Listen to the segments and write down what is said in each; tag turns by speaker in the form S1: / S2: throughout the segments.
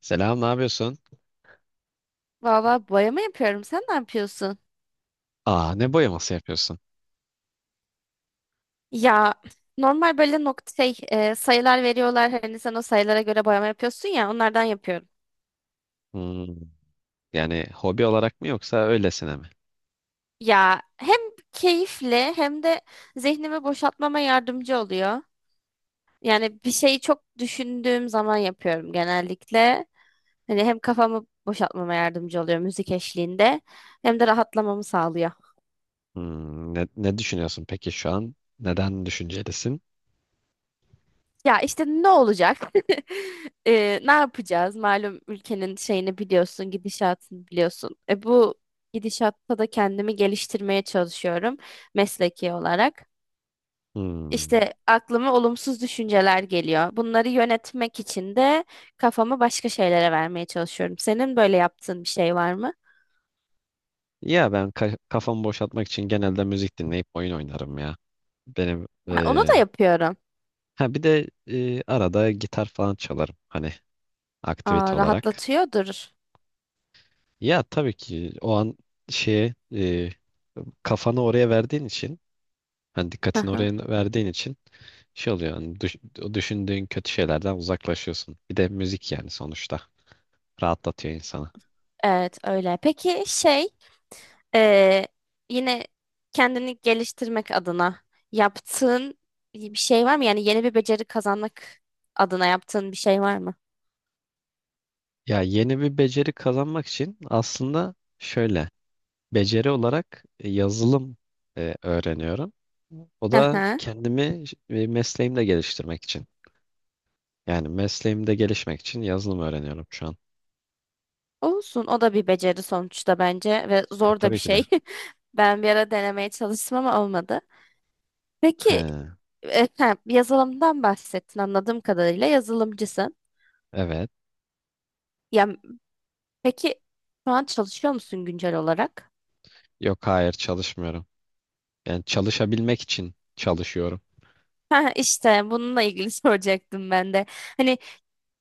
S1: Selam, ne yapıyorsun?
S2: Valla boyama yapıyorum. Sen ne yapıyorsun?
S1: Aa, ne boyaması yapıyorsun?
S2: Ya normal böyle nokta sayılar veriyorlar. Hani sen o sayılara göre boyama yapıyorsun ya onlardan yapıyorum.
S1: Hmm, yani hobi olarak mı yoksa öylesine mi?
S2: Ya hem keyifli hem de zihnimi boşaltmama yardımcı oluyor. Yani bir şeyi çok düşündüğüm zaman yapıyorum genellikle. Hani hem kafamı boşaltmama yardımcı oluyor müzik eşliğinde hem de rahatlamamı sağlıyor.
S1: Ne düşünüyorsun peki şu an? Neden düşüncelisin?
S2: Ya işte ne olacak? Ne yapacağız? Malum ülkenin şeyini biliyorsun, gidişatını biliyorsun. Bu gidişatta da kendimi geliştirmeye çalışıyorum mesleki olarak.
S1: Hmm.
S2: İşte aklıma olumsuz düşünceler geliyor. Bunları yönetmek için de kafamı başka şeylere vermeye çalışıyorum. Senin böyle yaptığın bir şey var mı?
S1: Ya ben kafamı boşaltmak için genelde müzik dinleyip oyun oynarım ya. Benim
S2: Ha, onu da yapıyorum.
S1: ha bir de arada gitar falan çalarım hani aktivite
S2: Aa,
S1: olarak.
S2: rahatlatıyordur.
S1: Ya tabii ki o an şeye kafanı oraya verdiğin için, hani
S2: Hı
S1: dikkatini
S2: hı.
S1: oraya verdiğin için şey oluyor hani o düşündüğün kötü şeylerden uzaklaşıyorsun. Bir de müzik yani sonuçta rahatlatıyor insanı.
S2: Evet öyle. Peki Ee, yine kendini geliştirmek adına yaptığın bir şey var mı? Yani yeni bir beceri kazanmak adına yaptığın bir şey var mı?
S1: Ya yeni bir beceri kazanmak için aslında şöyle beceri olarak yazılım öğreniyorum. O
S2: Hı
S1: da
S2: hı.
S1: kendimi mesleğimde geliştirmek için. Yani mesleğimde gelişmek için yazılım öğreniyorum şu an.
S2: Olsun. O da bir beceri sonuçta bence ve
S1: E,
S2: zor da bir
S1: tabii ki de.
S2: şey. Ben bir ara denemeye çalıştım ama olmadı. Peki
S1: He,
S2: e, ha, yazılımdan bahsettin, anladığım kadarıyla yazılımcısın.
S1: evet.
S2: Ya peki şu an çalışıyor musun güncel olarak?
S1: Yok, hayır, çalışmıyorum. Yani çalışabilmek için çalışıyorum.
S2: Ha, işte bununla ilgili soracaktım ben de. Hani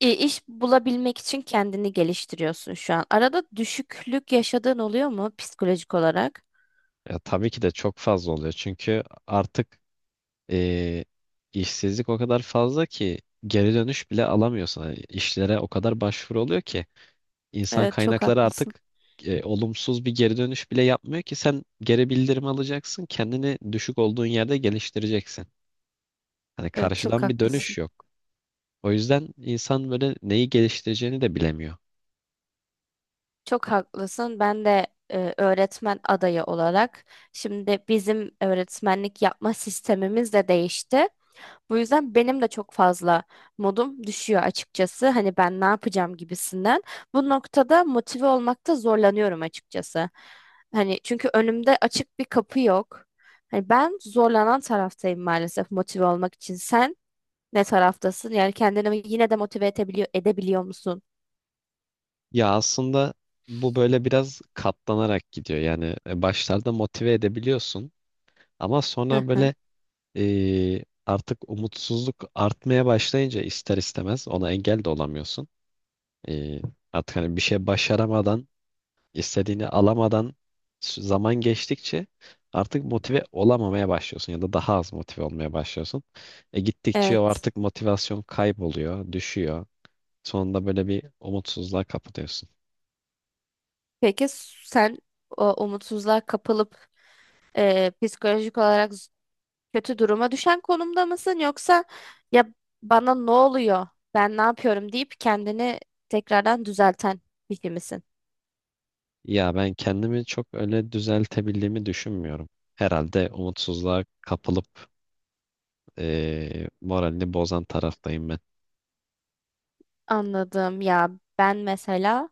S2: İş bulabilmek için kendini geliştiriyorsun şu an. Arada düşüklük yaşadığın oluyor mu psikolojik olarak?
S1: Ya, tabii ki de çok fazla oluyor. Çünkü artık e, işsizlik o kadar fazla ki geri dönüş bile alamıyorsun. Hani işlere o kadar başvuru oluyor ki insan
S2: Evet, çok
S1: kaynakları
S2: haklısın.
S1: artık olumsuz bir geri dönüş bile yapmıyor ki sen geri bildirim alacaksın. Kendini düşük olduğun yerde geliştireceksin. Hani
S2: Evet, çok
S1: karşıdan bir dönüş
S2: haklısın.
S1: yok. O yüzden insan böyle neyi geliştireceğini de bilemiyor.
S2: Çok haklısın. Ben de öğretmen adayı olarak şimdi bizim öğretmenlik yapma sistemimiz de değişti. Bu yüzden benim de çok fazla modum düşüyor açıkçası. Hani ben ne yapacağım gibisinden. Bu noktada motive olmakta zorlanıyorum açıkçası. Hani çünkü önümde açık bir kapı yok. Hani ben zorlanan taraftayım maalesef motive olmak için. Sen ne taraftasın? Yani kendini yine de motive edebiliyor musun?
S1: Ya aslında bu böyle biraz katlanarak gidiyor. Yani başlarda motive edebiliyorsun ama
S2: Hı
S1: sonra
S2: hı.
S1: böyle artık umutsuzluk artmaya başlayınca ister istemez ona engel de olamıyorsun. E, artık hani bir şey başaramadan, istediğini alamadan zaman geçtikçe artık motive olamamaya başlıyorsun ya da daha az motive olmaya başlıyorsun. Gittikçe o
S2: Evet.
S1: artık motivasyon kayboluyor, düşüyor. Sonunda böyle bir umutsuzluğa kapılıyorsun.
S2: Peki sen o umutsuzluğa kapılıp psikolojik olarak kötü duruma düşen konumda mısın, yoksa ya bana ne oluyor, ben ne yapıyorum deyip kendini tekrardan düzelten kişi misin?
S1: Ya ben kendimi çok öyle düzeltebildiğimi düşünmüyorum. Herhalde umutsuzluğa kapılıp moralini bozan taraftayım ben.
S2: Anladım ya, ben mesela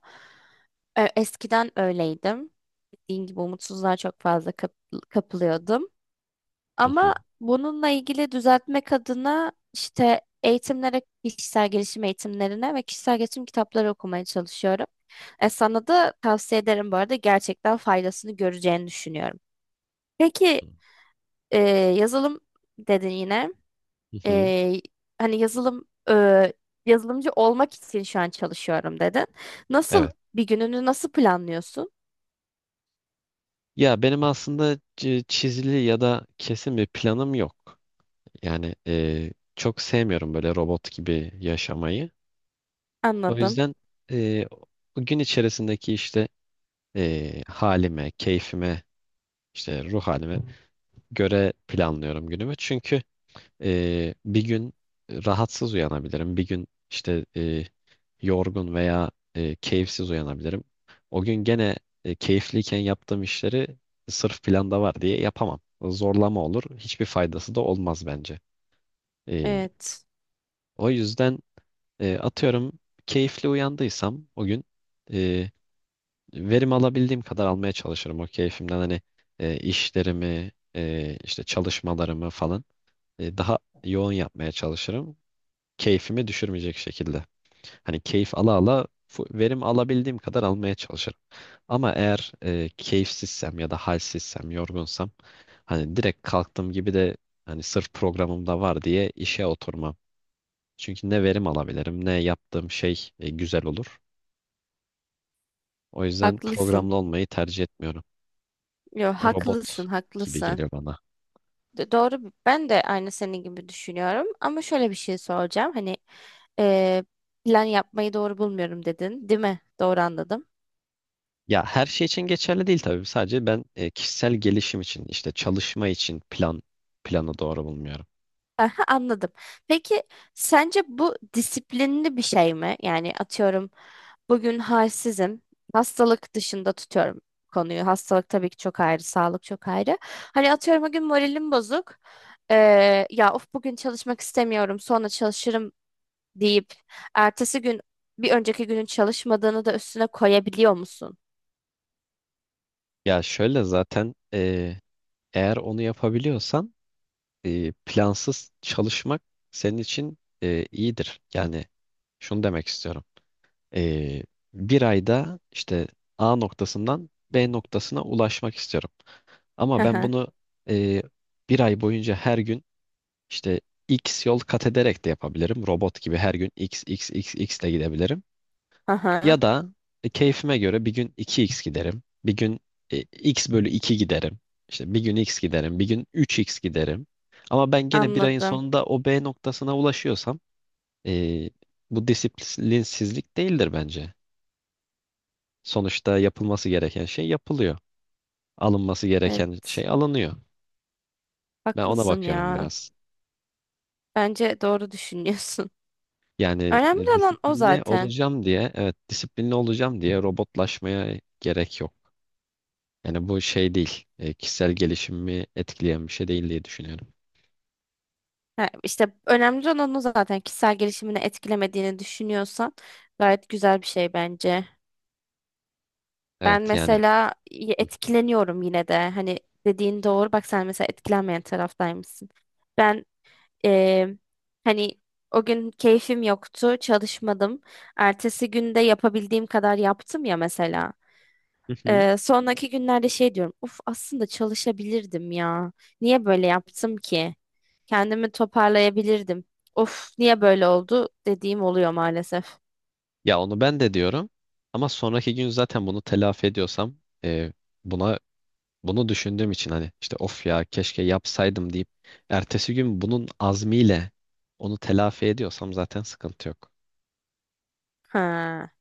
S2: eskiden öyleydim. Dediğim gibi umutsuzluğa çok fazla kapılıyordum.
S1: Hı hı,
S2: Ama bununla ilgili düzeltmek adına işte eğitimlere, kişisel gelişim eğitimlerine ve kişisel gelişim kitapları okumaya çalışıyorum. Sana da tavsiye ederim, bu arada gerçekten faydasını göreceğini düşünüyorum. Peki e, yazılım dedin yine.
S1: hı hı.
S2: E, hani, yazılımcı olmak için şu an çalışıyorum dedin. Nasıl
S1: Evet.
S2: Bir gününü nasıl planlıyorsun?
S1: Ya benim aslında çizili ya da kesin bir planım yok. Yani çok sevmiyorum böyle robot gibi yaşamayı. O
S2: Anladım.
S1: yüzden eee o gün içerisindeki işte halime, keyfime, işte ruh halime göre planlıyorum günümü. Çünkü bir gün rahatsız uyanabilirim. Bir gün işte yorgun veya keyifsiz uyanabilirim. O gün gene keyifliyken yaptığım işleri sırf planda var diye yapamam. Zorlama olur. Hiçbir faydası da olmaz bence. Ee,
S2: Evet.
S1: o yüzden atıyorum keyifli uyandıysam o gün e, verim alabildiğim kadar almaya çalışırım. O keyfimden hani işlerimi, işte çalışmalarımı falan daha yoğun yapmaya çalışırım. Keyfimi düşürmeyecek şekilde. Hani keyif ala ala verim alabildiğim kadar almaya çalışırım. Ama eğer keyifsizsem ya da halsizsem, yorgunsam hani direkt kalktığım gibi de hani sırf programımda var diye işe oturmam. Çünkü ne verim alabilirim ne yaptığım şey güzel olur. O yüzden
S2: Haklısın.
S1: programlı olmayı tercih etmiyorum.
S2: Yo,
S1: Robot
S2: haklısın,
S1: gibi
S2: haklısın.
S1: geliyor bana.
S2: Doğru. Ben de aynı senin gibi düşünüyorum. Ama şöyle bir şey soracağım. Hani e, plan yapmayı doğru bulmuyorum dedin, değil mi? Doğru anladım.
S1: Ya her şey için geçerli değil tabii. Sadece ben kişisel gelişim için işte çalışma için planı doğru bulmuyorum.
S2: Aha, anladım. Peki sence bu disiplinli bir şey mi? Yani atıyorum, bugün halsizim. Hastalık dışında tutuyorum konuyu. Hastalık tabii ki çok ayrı, sağlık çok ayrı. Hani atıyorum, bugün moralim bozuk. Ya of bugün çalışmak istemiyorum, sonra çalışırım deyip ertesi gün bir önceki günün çalışmadığını da üstüne koyabiliyor musun?
S1: Ya şöyle zaten eğer onu yapabiliyorsan plansız çalışmak senin için iyidir. Yani şunu demek istiyorum. Eee, bir ayda işte A noktasından B noktasına ulaşmak istiyorum.
S2: Hı
S1: Ama ben
S2: hı.
S1: bunu eee, bir ay boyunca her gün işte X yol kat ederek de yapabilirim. Robot gibi her gün X, X, X, X ile gidebilirim. Ya
S2: Aha,
S1: da keyfime göre bir gün iki x giderim. Bir gün x bölü 2 giderim. İşte bir gün x giderim. Bir gün üç x giderim. Ama ben gene bir ayın
S2: anladım.
S1: sonunda o B noktasına ulaşıyorsam e, bu disiplinsizlik değildir bence. Sonuçta yapılması gereken şey yapılıyor. Alınması gereken
S2: Evet,
S1: şey alınıyor. Ben ona
S2: haklısın
S1: bakıyorum
S2: ya.
S1: biraz.
S2: Bence doğru düşünüyorsun.
S1: Yani
S2: Önemli olan o
S1: disiplinli
S2: zaten.
S1: olacağım diye, evet disiplinli olacağım diye robotlaşmaya gerek yok. Yani bu şey değil. Kişisel gelişimimi etkileyen bir şey değil diye düşünüyorum.
S2: Ha, işte önemli olan o zaten. Kişisel gelişimini etkilemediğini düşünüyorsan gayet güzel bir şey bence. Ben
S1: Evet yani.
S2: mesela
S1: Hı.
S2: etkileniyorum yine de. Hani dediğin doğru. Bak sen mesela etkilenmeyen taraftaymışsın. Ben eee, Hani o gün keyfim yoktu, çalışmadım. Ertesi günde yapabildiğim kadar yaptım ya mesela.
S1: Hı hı.
S2: Sonraki günlerde şey diyorum. Uf, aslında çalışabilirdim ya. Niye böyle yaptım ki? Kendimi toparlayabilirdim. Of, niye böyle oldu dediğim oluyor maalesef.
S1: Ya onu ben de diyorum. Ama sonraki gün zaten bunu telafi ediyorsam, e, buna bunu düşündüğüm için hani işte of ya keşke yapsaydım deyip ertesi gün bunun azmiyle onu telafi ediyorsam zaten sıkıntı yok.
S2: Ha,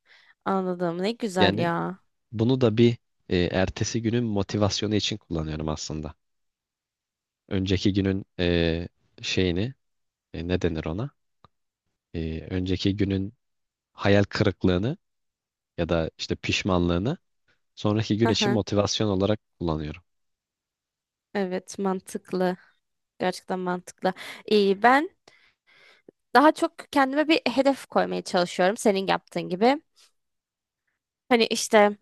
S2: anladım. Ne güzel
S1: Yani
S2: ya.
S1: bunu da bir ertesi günün motivasyonu için kullanıyorum aslında. Önceki günün şeyini ne denir ona? Önceki günün hayal kırıklığını ya da işte pişmanlığını sonraki gün
S2: Hı
S1: için
S2: hı.
S1: motivasyon olarak kullanıyorum.
S2: Evet, mantıklı. Gerçekten mantıklı. İyi, ben daha çok kendime bir hedef koymaya çalışıyorum senin yaptığın gibi. Hani işte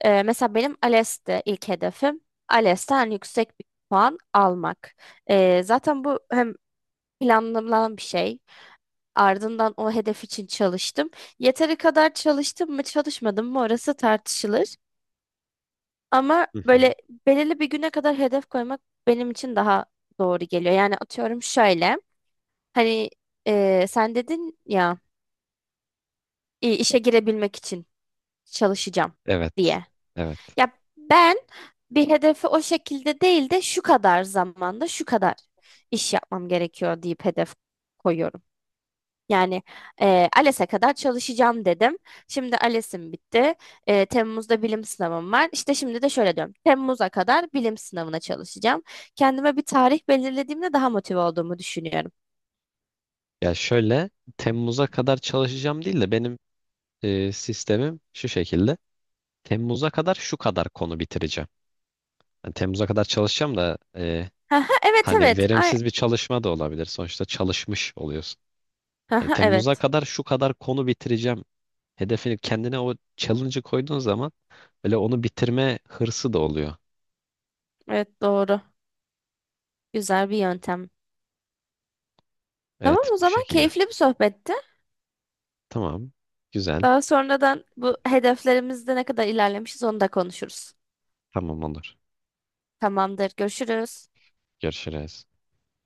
S2: e, mesela benim ALES'te ilk hedefim ALES'ten yüksek bir puan almak. Zaten bu hem planlanan bir şey. Ardından o hedef için çalıştım. Yeteri kadar çalıştım mı, çalışmadım mı orası tartışılır. Ama
S1: Hı hı.
S2: böyle belirli bir güne kadar hedef koymak benim için daha doğru geliyor. Yani atıyorum şöyle. Hani, sen dedin ya işe girebilmek için çalışacağım
S1: Evet.
S2: diye.
S1: Evet.
S2: Ya ben bir hedefi o şekilde değil de şu kadar zamanda şu kadar iş yapmam gerekiyor deyip hedef koyuyorum. Yani, ALES'e kadar çalışacağım dedim. Şimdi ALES'im bitti. Temmuz'da bilim sınavım var. İşte şimdi de şöyle diyorum. Temmuz'a kadar bilim sınavına çalışacağım. Kendime bir tarih belirlediğimde daha motive olduğumu düşünüyorum.
S1: Ya şöyle Temmuz'a kadar çalışacağım değil de benim sistemim şu şekilde. Temmuz'a kadar şu kadar konu bitireceğim. Yani Temmuz'a kadar çalışacağım da
S2: Haha, evet
S1: hani
S2: evet. Ay,
S1: verimsiz bir çalışma da olabilir. Sonuçta çalışmış oluyorsun. Hani
S2: haha,
S1: Temmuz'a
S2: evet.
S1: kadar şu kadar konu bitireceğim. Hedefini kendine o challenge'ı koyduğun zaman böyle onu bitirme hırsı da oluyor.
S2: Evet, doğru. Güzel bir yöntem. Tamam,
S1: Evet
S2: o
S1: bu
S2: zaman
S1: şekilde.
S2: keyifli bir sohbetti.
S1: Tamam. Güzel.
S2: Daha sonradan bu hedeflerimizde ne kadar ilerlemişiz onu da konuşuruz.
S1: Tamam olur.
S2: Tamamdır. Görüşürüz.
S1: Görüşürüz.